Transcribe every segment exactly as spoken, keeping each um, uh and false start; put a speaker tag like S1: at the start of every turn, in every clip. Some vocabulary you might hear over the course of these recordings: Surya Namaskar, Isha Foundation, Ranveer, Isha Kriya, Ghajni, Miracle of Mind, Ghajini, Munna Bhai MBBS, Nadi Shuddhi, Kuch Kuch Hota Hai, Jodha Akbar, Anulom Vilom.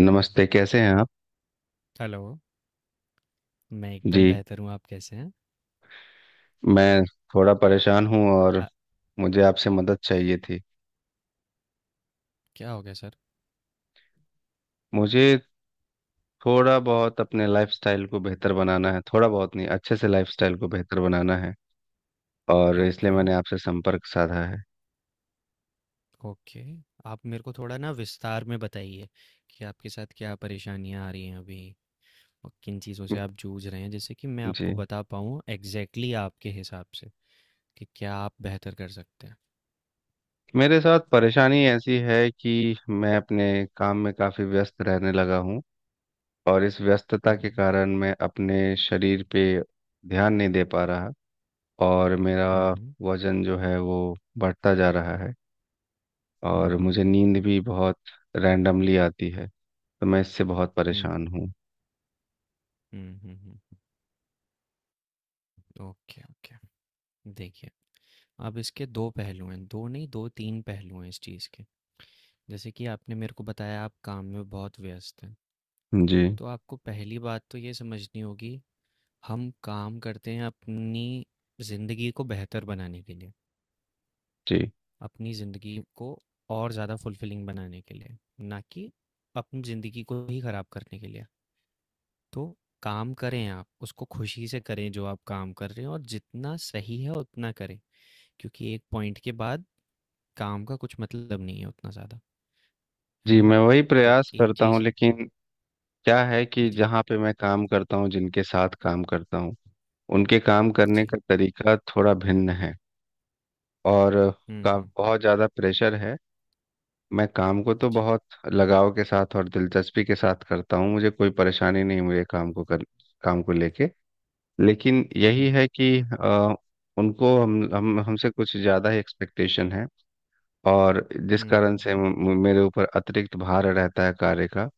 S1: नमस्ते, कैसे हैं आप?
S2: हेलो, मैं
S1: जी,
S2: एकदम बेहतर हूँ, आप कैसे हैं?
S1: मैं थोड़ा परेशान हूँ, और
S2: अ,
S1: मुझे आपसे मदद चाहिए थी।
S2: क्या हो गया सर?
S1: मुझे थोड़ा बहुत अपने लाइफस्टाइल को बेहतर बनाना है, थोड़ा बहुत नहीं, अच्छे से लाइफस्टाइल को बेहतर बनाना है, और इसलिए
S2: ओके,
S1: मैंने आपसे संपर्क साधा है।
S2: ओके। आप मेरे को थोड़ा ना विस्तार में बताइए कि आपके साथ क्या परेशानियाँ आ रही हैं अभी और किन चीज़ों से आप जूझ रहे हैं, जिससे कि मैं आपको
S1: जी।
S2: बता पाऊँ एग्ज़ैक्टली आपके हिसाब से कि क्या आप बेहतर कर सकते हैं।
S1: मेरे साथ परेशानी ऐसी है कि मैं अपने काम में काफ़ी व्यस्त रहने लगा हूँ, और इस व्यस्तता
S2: हुँ,
S1: के कारण मैं अपने शरीर पे ध्यान नहीं दे पा रहा, और मेरा
S2: हुँ, हुँ।
S1: वजन जो है वो बढ़ता जा रहा है,
S2: हुँ,
S1: और
S2: हुँ,
S1: मुझे
S2: हुँ।
S1: नींद भी बहुत रैंडमली आती है। तो मैं इससे बहुत
S2: हुँ,
S1: परेशान हूँ।
S2: हुँ, हुँ, हुँ। Okay, okay. देखिए, अब इसके दो पहलू हैं, दो नहीं दो तीन पहलू हैं इस चीज़ के। जैसे कि आपने मेरे को बताया आप काम में बहुत व्यस्त हैं।
S1: जी,
S2: तो आपको पहली बात तो ये समझनी होगी, हम काम करते हैं अपनी ज़िंदगी को बेहतर बनाने के लिए,
S1: जी,
S2: अपनी ज़िंदगी को और ज़्यादा फुलफिलिंग बनाने के लिए, ना कि अपनी ज़िंदगी को ही ख़राब करने के लिए। तो काम करें आप, उसको खुशी से करें जो आप काम कर रहे हैं और जितना सही है उतना करें, क्योंकि एक पॉइंट के बाद काम का कुछ मतलब नहीं है उतना ज़्यादा, है
S1: जी,
S2: ना?
S1: मैं वही
S2: तो
S1: प्रयास
S2: एक
S1: करता हूँ,
S2: चीज़।
S1: लेकिन क्या है कि
S2: जी,
S1: जहाँ पे मैं काम करता हूँ, जिनके साथ काम करता हूँ, उनके काम करने
S2: जी।
S1: का तरीका थोड़ा भिन्न है, और
S2: हुँ,
S1: का
S2: हुँ, हुँ।
S1: बहुत ज़्यादा प्रेशर है। मैं काम को तो
S2: जी।
S1: बहुत लगाव के साथ और दिलचस्पी के साथ करता हूँ, मुझे कोई परेशानी नहीं है मेरे काम को, कर काम को लेके। लेकिन
S2: हुँ,
S1: यही
S2: हुँ।
S1: है कि अ, उनको हम हम हमसे कुछ ज़्यादा ही एक्सपेक्टेशन है, और जिस
S2: हुँ,
S1: कारण
S2: हुँ, हुँ।
S1: से म- म- मेरे ऊपर अतिरिक्त भार रहता है कार्य का।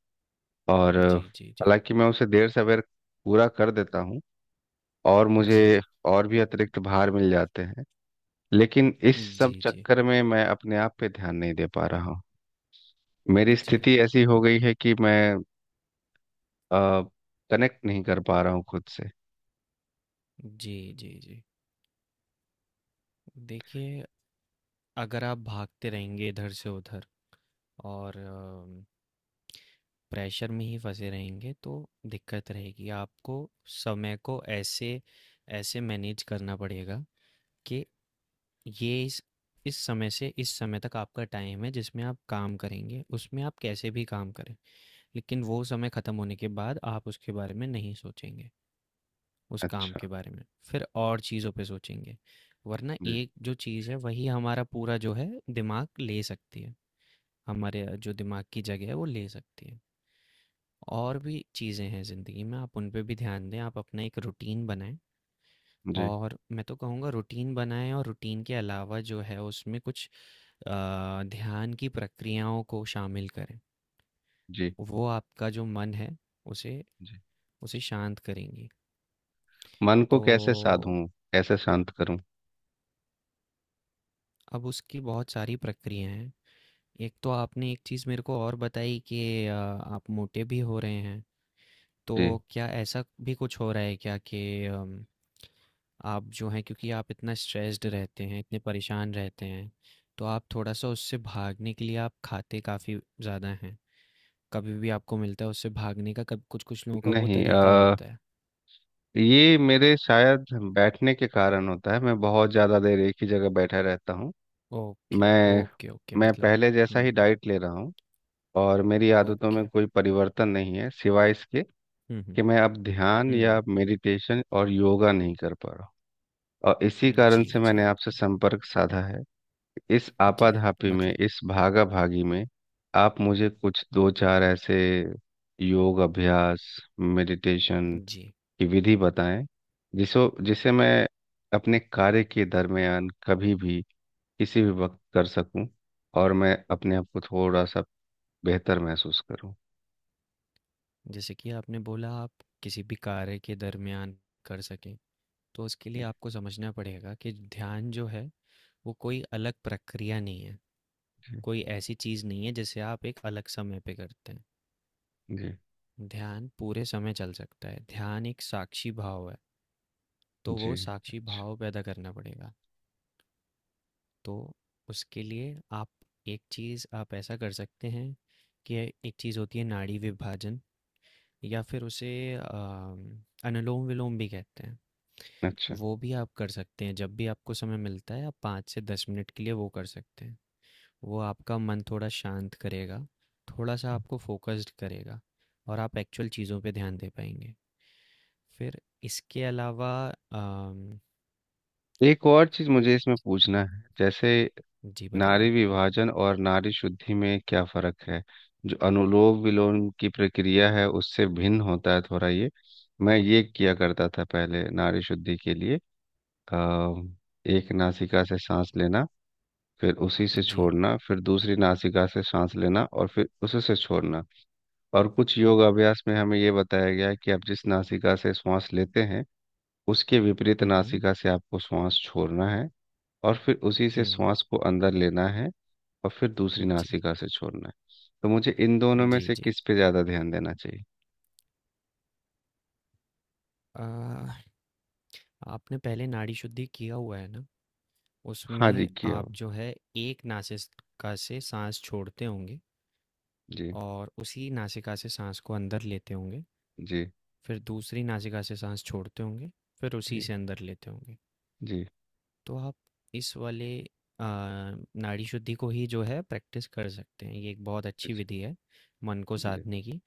S1: और अ,
S2: जी, जी, जी।
S1: हालांकि मैं उसे देर सवेर पूरा कर देता हूँ, और मुझे
S2: जी,
S1: और भी अतिरिक्त भार मिल जाते हैं, लेकिन इस
S2: जी,
S1: सब
S2: जी,
S1: चक्कर में मैं अपने आप पे ध्यान नहीं दे पा रहा हूँ। मेरी
S2: जी,
S1: स्थिति ऐसी हो गई है कि मैं कनेक्ट नहीं कर पा रहा हूँ खुद से।
S2: जी, जी, जी। देखिए, अगर आप भागते रहेंगे इधर से उधर और अम, प्रेशर में ही फँसे रहेंगे तो दिक्कत रहेगी। आपको समय को ऐसे ऐसे मैनेज करना पड़ेगा कि ये इस इस समय से इस समय तक आपका टाइम है जिसमें आप काम करेंगे, उसमें आप कैसे भी काम करें। लेकिन वो समय ख़त्म होने के बाद आप उसके बारे में नहीं सोचेंगे। उस काम
S1: अच्छा।
S2: के बारे में फिर और चीज़ों पे सोचेंगे। वरना
S1: जी,
S2: एक जो चीज़ है वही हमारा पूरा जो है दिमाग ले सकती है, हमारे जो दिमाग की जगह है वो ले सकती है। और भी चीज़ें हैं ज़िंदगी में, आप उन पे भी ध्यान दें। आप अपना एक रूटीन बनाएं,
S1: जी,
S2: और मैं तो कहूँगा रूटीन बनाएं और रूटीन के अलावा जो है उसमें कुछ अ, ध्यान की प्रक्रियाओं को शामिल करें।
S1: जी,
S2: वो आपका जो मन है उसे
S1: जी।
S2: उसे शांत करेंगी।
S1: मन को कैसे
S2: तो
S1: साधूं? कैसे शांत करूं?
S2: अब उसकी बहुत सारी प्रक्रियाएं हैं। एक तो आपने एक चीज़ मेरे को और बताई कि अ, आप मोटे भी हो रहे हैं।
S1: जी,
S2: तो क्या ऐसा भी कुछ हो रहा है क्या कि अम, आप जो हैं, क्योंकि आप इतना स्ट्रेस्ड रहते हैं, इतने परेशान रहते हैं तो आप थोड़ा सा उससे भागने के लिए आप खाते काफ़ी ज़्यादा हैं? कभी भी आपको मिलता है उससे भागने का, कभी कुछ कुछ लोगों का वो
S1: नहीं।
S2: तरीका
S1: आ,
S2: होता है।
S1: ये मेरे शायद बैठने के कारण होता है, मैं बहुत ज़्यादा देर एक ही जगह बैठा रहता हूँ।
S2: ओके
S1: मैं
S2: ओके ओके।
S1: मैं
S2: मतलब,
S1: पहले जैसा
S2: हम्म
S1: ही
S2: हम्म।
S1: डाइट ले रहा हूँ, और मेरी आदतों में
S2: ओके।
S1: कोई परिवर्तन नहीं है, सिवाय इसके
S2: हम्म हम्म
S1: कि मैं अब ध्यान या
S2: हम्म।
S1: मेडिटेशन और योगा नहीं कर पा रहा हूँ। और इसी कारण
S2: जी
S1: से मैंने
S2: जी
S1: आपसे संपर्क साधा है, इस
S2: जी।
S1: आपाधापी में,
S2: मतलब।
S1: इस भागा भागी में। आप मुझे कुछ दो चार ऐसे योग अभ्यास, मेडिटेशन
S2: जी।
S1: की विधि बताएं, जिसो जिसे मैं अपने कार्य के दरमियान कभी भी, किसी भी वक्त कर सकूं, और मैं अपने आप को थोड़ा सा बेहतर महसूस करूं।
S2: जैसे कि आपने बोला आप किसी भी कार्य के दरमियान कर सकें, तो उसके लिए आपको समझना पड़ेगा कि ध्यान जो है वो कोई अलग प्रक्रिया नहीं है।
S1: जी,
S2: कोई ऐसी चीज़ नहीं है जिसे आप एक अलग समय पे करते
S1: जी,
S2: हैं। ध्यान पूरे समय चल सकता है, ध्यान एक साक्षी भाव है। तो
S1: जी।
S2: वो साक्षी
S1: अच्छा,
S2: भाव पैदा करना पड़ेगा। तो उसके लिए आप, एक चीज़ आप ऐसा कर सकते हैं कि एक चीज़ होती है नाड़ी विभाजन, या फिर उसे अम, अनुलोम विलोम भी कहते हैं।
S1: अच्छा।
S2: वो भी आप कर सकते हैं। जब भी आपको समय मिलता है आप पाँच से दस मिनट के लिए वो कर सकते हैं। वो आपका मन थोड़ा शांत करेगा, थोड़ा सा आपको फोकस्ड करेगा और आप एक्चुअल चीज़ों पे ध्यान दे पाएंगे। फिर इसके अलावा अम,
S1: एक और चीज़ मुझे इसमें पूछना है, जैसे,
S2: जी
S1: नारी
S2: बताइए।
S1: विभाजन और नारी शुद्धि में क्या फर्क है? जो अनुलोम विलोम की प्रक्रिया है, उससे भिन्न होता है थोड़ा ये। मैं ये किया करता था पहले नारी शुद्धि के लिए। आ, एक नासिका से सांस लेना, फिर उसी से
S2: जी।
S1: छोड़ना, फिर दूसरी नासिका से सांस लेना, और फिर उसी से छोड़ना। और कुछ योग अभ्यास में हमें ये बताया गया है कि आप जिस नासिका से श्वास लेते हैं, उसके विपरीत
S2: हम्म
S1: नासिका से आपको श्वास छोड़ना है, और फिर उसी से
S2: हम्म।
S1: श्वास को अंदर लेना है, और फिर दूसरी
S2: जी
S1: नासिका से छोड़ना है। तो मुझे इन दोनों में
S2: जी
S1: से
S2: जी।
S1: किस पे ज़्यादा ध्यान देना चाहिए?
S2: आ, आपने पहले नाड़ी शुद्धि किया हुआ है ना।
S1: हाँ जी,
S2: उसमें
S1: किया
S2: आप
S1: हुआ।
S2: जो है एक नासिका से सांस छोड़ते होंगे,
S1: जी।
S2: और उसी नासिका से सांस को अंदर लेते होंगे,
S1: जी,
S2: फिर दूसरी नासिका से सांस छोड़ते होंगे, फिर उसी
S1: जी,
S2: से अंदर लेते होंगे।
S1: जी,
S2: तो आप इस वाले आ, नाड़ी शुद्धि को ही जो है प्रैक्टिस कर सकते हैं। ये एक बहुत अच्छी
S1: अच्छा।
S2: विधि है मन को
S1: जी,
S2: साधने की।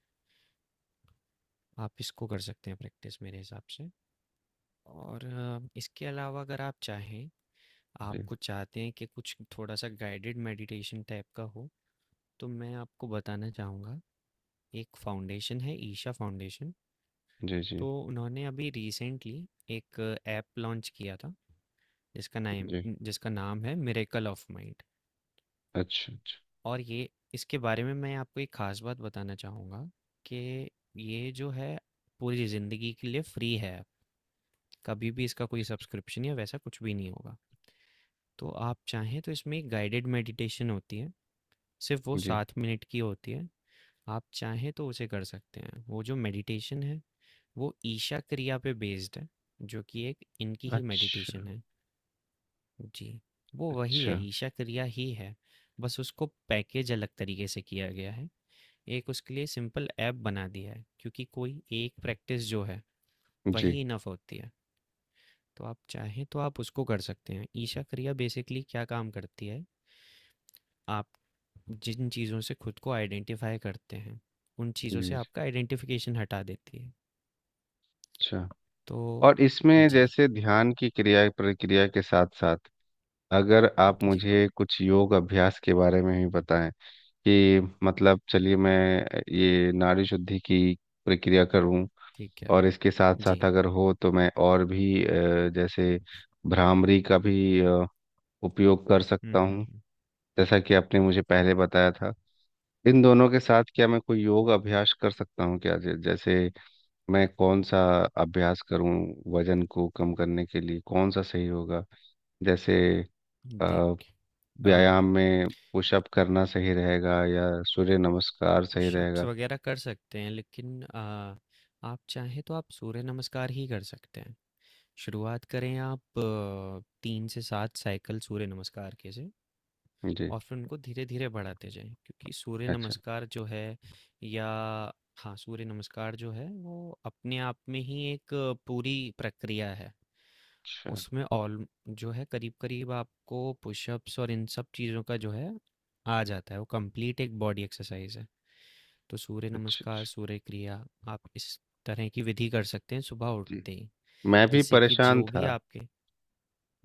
S2: आप इसको कर सकते हैं प्रैक्टिस, मेरे हिसाब से। और आ, इसके अलावा अगर आप चाहें,
S1: जी,
S2: आपको चाहते हैं कि कुछ थोड़ा सा गाइडेड मेडिटेशन टाइप का हो, तो मैं आपको बताना चाहूँगा, एक फाउंडेशन है ईशा फाउंडेशन।
S1: जी, जी,
S2: तो उन्होंने अभी रिसेंटली एक ऐप लॉन्च किया था, जिसका नाम
S1: जी।
S2: जिसका नाम है मिरेकल ऑफ माइंड।
S1: अच्छा, अच्छा।
S2: और ये, इसके बारे में मैं आपको एक ख़ास बात बताना चाहूँगा कि ये जो है, पूरी ज़िंदगी के लिए फ्री है, कभी भी इसका कोई सब्सक्रिप्शन या वैसा कुछ भी नहीं होगा। तो आप चाहें तो इसमें एक गाइडेड मेडिटेशन होती है, सिर्फ़ वो
S1: जी।
S2: सात मिनट की होती है, आप चाहें तो उसे कर सकते हैं। वो जो मेडिटेशन है, वो ईशा क्रिया पे बेस्ड है, जो कि एक इनकी ही मेडिटेशन
S1: अच्छा,
S2: है। जी। वो वही
S1: अच्छा।
S2: है, ईशा क्रिया ही है। बस उसको पैकेज अलग तरीके से किया गया है, एक उसके लिए सिंपल ऐप बना दिया है, क्योंकि कोई एक प्रैक्टिस जो है
S1: जी,
S2: वही इनफ होती है। तो आप चाहें तो आप उसको कर सकते हैं। ईशा क्रिया बेसिकली क्या काम करती है? आप जिन चीज़ों से खुद को आइडेंटिफाई करते हैं उन
S1: जी,
S2: चीज़ों से
S1: जी,
S2: आपका आइडेंटिफिकेशन हटा देती है।
S1: अच्छा।
S2: तो
S1: और इसमें
S2: जी
S1: जैसे ध्यान की क्रिया प्रक्रिया के साथ साथ, अगर आप
S2: जी।
S1: मुझे कुछ योग अभ्यास के बारे में भी बताएं, कि मतलब, चलिए, मैं ये नाड़ी शुद्धि की प्रक्रिया करूं,
S2: ठीक है।
S1: और इसके साथ साथ
S2: जी।
S1: अगर हो तो मैं और भी अ, जैसे भ्रामरी का भी अ, उपयोग कर
S2: हुँ,
S1: सकता
S2: हुँ,
S1: हूँ,
S2: हुँ।
S1: जैसा कि आपने मुझे पहले बताया था। इन दोनों के साथ क्या मैं कोई योग अभ्यास कर सकता हूँ क्या, जै- जैसे मैं कौन सा अभ्यास करूँ? वजन को कम करने के लिए कौन सा सही होगा? जैसे, अ,
S2: देखिए, अ,
S1: व्यायाम में पुशअप करना सही रहेगा या सूर्य नमस्कार सही
S2: पुशअप्स
S1: रहेगा?
S2: वगैरह कर सकते हैं, लेकिन अ, आप चाहें तो आप सूर्य नमस्कार ही कर सकते हैं। शुरुआत करें आप अ, तीन से सात साइकिल सूर्य नमस्कार के से,
S1: जी।
S2: और फिर उनको धीरे-धीरे बढ़ाते जाएँ, क्योंकि सूर्य
S1: अच्छा,
S2: नमस्कार जो है, या हाँ, सूर्य नमस्कार जो है वो अपने आप में ही एक पूरी प्रक्रिया है।
S1: अच्छा,
S2: उसमें ऑल जो है करीब-करीब आपको पुशअप्स और इन सब चीज़ों का जो है, आ जाता है, वो कंप्लीट एक बॉडी एक्सरसाइज़ है। तो सूर्य
S1: अच्छा, अच्छा।
S2: नमस्कार, सूर्य क्रिया, आप इस तरह की विधि कर सकते हैं सुबह
S1: जी।
S2: उठते ही,
S1: मैं भी
S2: जिससे कि
S1: परेशान
S2: जो भी
S1: था
S2: आपके।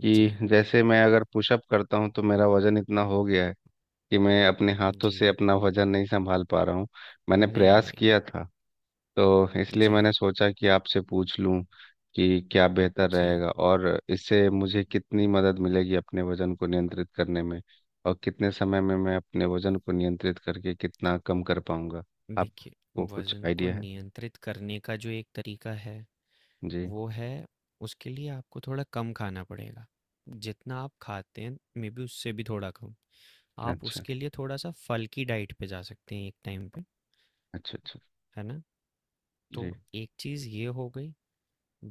S2: जी,
S1: कि जैसे, मैं अगर पुशअप करता हूँ तो मेरा वजन इतना हो गया है कि मैं अपने हाथों से
S2: जी।
S1: अपना वजन नहीं संभाल पा रहा हूँ। मैंने
S2: नहीं,
S1: प्रयास
S2: नहीं,
S1: किया
S2: नहीं।
S1: था। तो इसलिए मैंने
S2: जी,
S1: सोचा कि आपसे पूछ लूँ कि क्या बेहतर
S2: जी।
S1: रहेगा, और इससे मुझे कितनी मदद मिलेगी अपने वजन को नियंत्रित करने में, और कितने समय में मैं अपने वजन को नियंत्रित करके कितना कम कर पाऊंगा।
S2: देखिए,
S1: आपको कुछ
S2: वज़न को
S1: आइडिया है?
S2: नियंत्रित करने का जो एक तरीका है
S1: जी।
S2: वो है, उसके लिए आपको थोड़ा कम खाना पड़ेगा, जितना आप खाते हैं मे बी उससे भी थोड़ा कम। आप
S1: अच्छा,
S2: उसके लिए थोड़ा सा फल की डाइट पे जा सकते हैं एक टाइम पे,
S1: अच्छा, अच्छा।
S2: है ना? तो
S1: जी,
S2: एक चीज़ ये हो गई।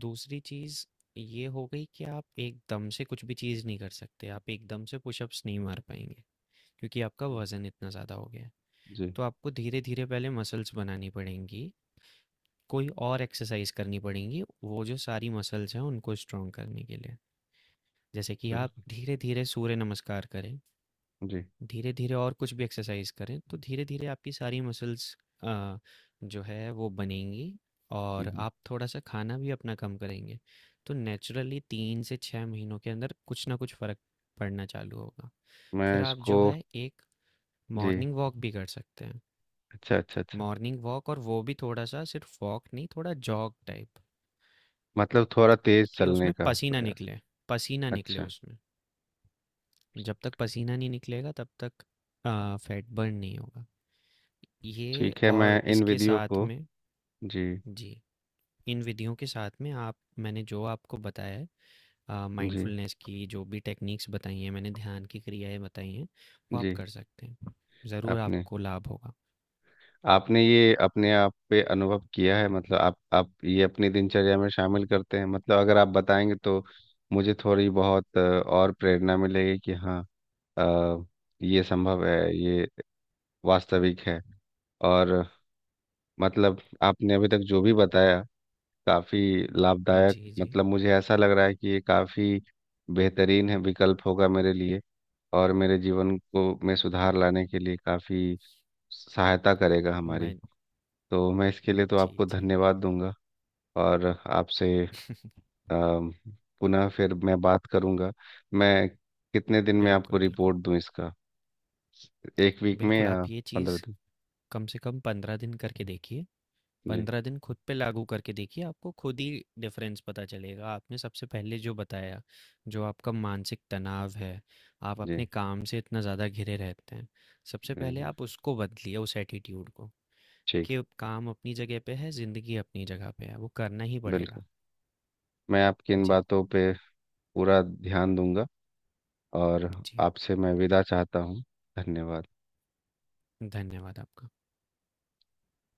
S2: दूसरी चीज़ ये हो गई कि आप एकदम से कुछ भी चीज़ नहीं कर सकते, आप एकदम से पुशअप्स नहीं मार पाएंगे, क्योंकि आपका वज़न इतना ज़्यादा हो गया है।
S1: जी।
S2: तो आपको धीरे धीरे पहले मसल्स बनानी पड़ेंगी, कोई और एक्सरसाइज करनी पड़ेंगी वो जो सारी मसल्स हैं उनको स्ट्रॉन्ग करने के लिए। जैसे कि आप
S1: बिल्कुल।
S2: धीरे-धीरे सूर्य नमस्कार करें,
S1: जी।
S2: धीरे-धीरे और कुछ भी एक्सरसाइज़ करें, तो धीरे-धीरे आपकी सारी मसल्स अ, जो है वो बनेंगी,
S1: हम्म,
S2: और
S1: हम्म।
S2: आप थोड़ा-सा खाना भी अपना कम करेंगे। तो नेचुरली तीन से छह महीनों के अंदर कुछ ना कुछ फ़र्क पड़ना चालू होगा।
S1: मैं
S2: फिर आप जो
S1: इसको।
S2: है एक
S1: जी।
S2: मॉर्निंग वॉक भी कर सकते हैं।
S1: अच्छा, अच्छा, अच्छा।
S2: मॉर्निंग वॉक, और वो भी थोड़ा-सा सिर्फ वॉक नहीं, थोड़ा जॉग टाइप,
S1: मतलब थोड़ा तेज
S2: कि
S1: चलने
S2: उसमें
S1: का
S2: पसीना
S1: प्रयास।
S2: निकले, पसीना निकले
S1: अच्छा।
S2: उसमें। जब तक पसीना नहीं निकलेगा तब तक फैट बर्न नहीं होगा। ये
S1: ठीक है, मैं
S2: और
S1: इन
S2: इसके
S1: विधियों
S2: साथ
S1: को।
S2: में
S1: जी,
S2: जी, इन विधियों के साथ में आप, मैंने जो आपको बताया है,
S1: जी,
S2: माइंडफुलनेस की जो भी टेक्निक्स बताई हैं मैंने, ध्यान की क्रियाएं बताई हैं, वो आप
S1: जी।
S2: कर सकते हैं, ज़रूर
S1: आपने
S2: आपको लाभ होगा।
S1: आपने ये अपने आप पे अनुभव किया है? मतलब आप आप ये अपनी दिनचर्या में शामिल करते हैं? मतलब अगर आप बताएंगे तो मुझे थोड़ी बहुत अ, और प्रेरणा मिलेगी, कि हाँ, अ, ये संभव है, ये वास्तविक है। और मतलब आपने अभी तक जो भी बताया, काफी लाभदायक,
S2: जी जी।
S1: मतलब मुझे ऐसा लग रहा है कि ये काफी बेहतरीन है, विकल्प होगा मेरे लिए, और मेरे जीवन को में सुधार लाने के लिए काफी सहायता करेगा हमारी।
S2: मैं,
S1: तो मैं इसके लिए तो
S2: जी
S1: आपको
S2: जी,
S1: धन्यवाद दूंगा, और आपसे अम, पुनः फिर मैं बात करूंगा। मैं कितने दिन में आपको
S2: बिल्कुल बिल्कुल।
S1: रिपोर्ट दूं इसका? एक वीक में
S2: बिल्कुल
S1: या
S2: आप ये चीज़
S1: पंद्रह दिन?
S2: कम से कम पंद्रह दिन करके देखिए,
S1: जी,
S2: पंद्रह दिन खुद पे लागू करके देखिए, आपको खुद ही डिफरेंस पता चलेगा। आपने सबसे पहले जो बताया, जो आपका मानसिक तनाव है, आप अपने
S1: जी,
S2: काम से इतना ज़्यादा घिरे रहते हैं, सबसे
S1: जी,
S2: पहले
S1: जी।
S2: आप उसको बदलिए, उस एटीट्यूड को,
S1: ठीक।
S2: कि काम अपनी जगह पे है, ज़िंदगी अपनी जगह पे है, वो करना ही पड़ेगा।
S1: बिल्कुल। मैं आपकी इन
S2: जी
S1: बातों पे पूरा ध्यान दूंगा, और
S2: जी।
S1: आपसे मैं विदा चाहता हूँ। धन्यवाद।
S2: धन्यवाद आपका।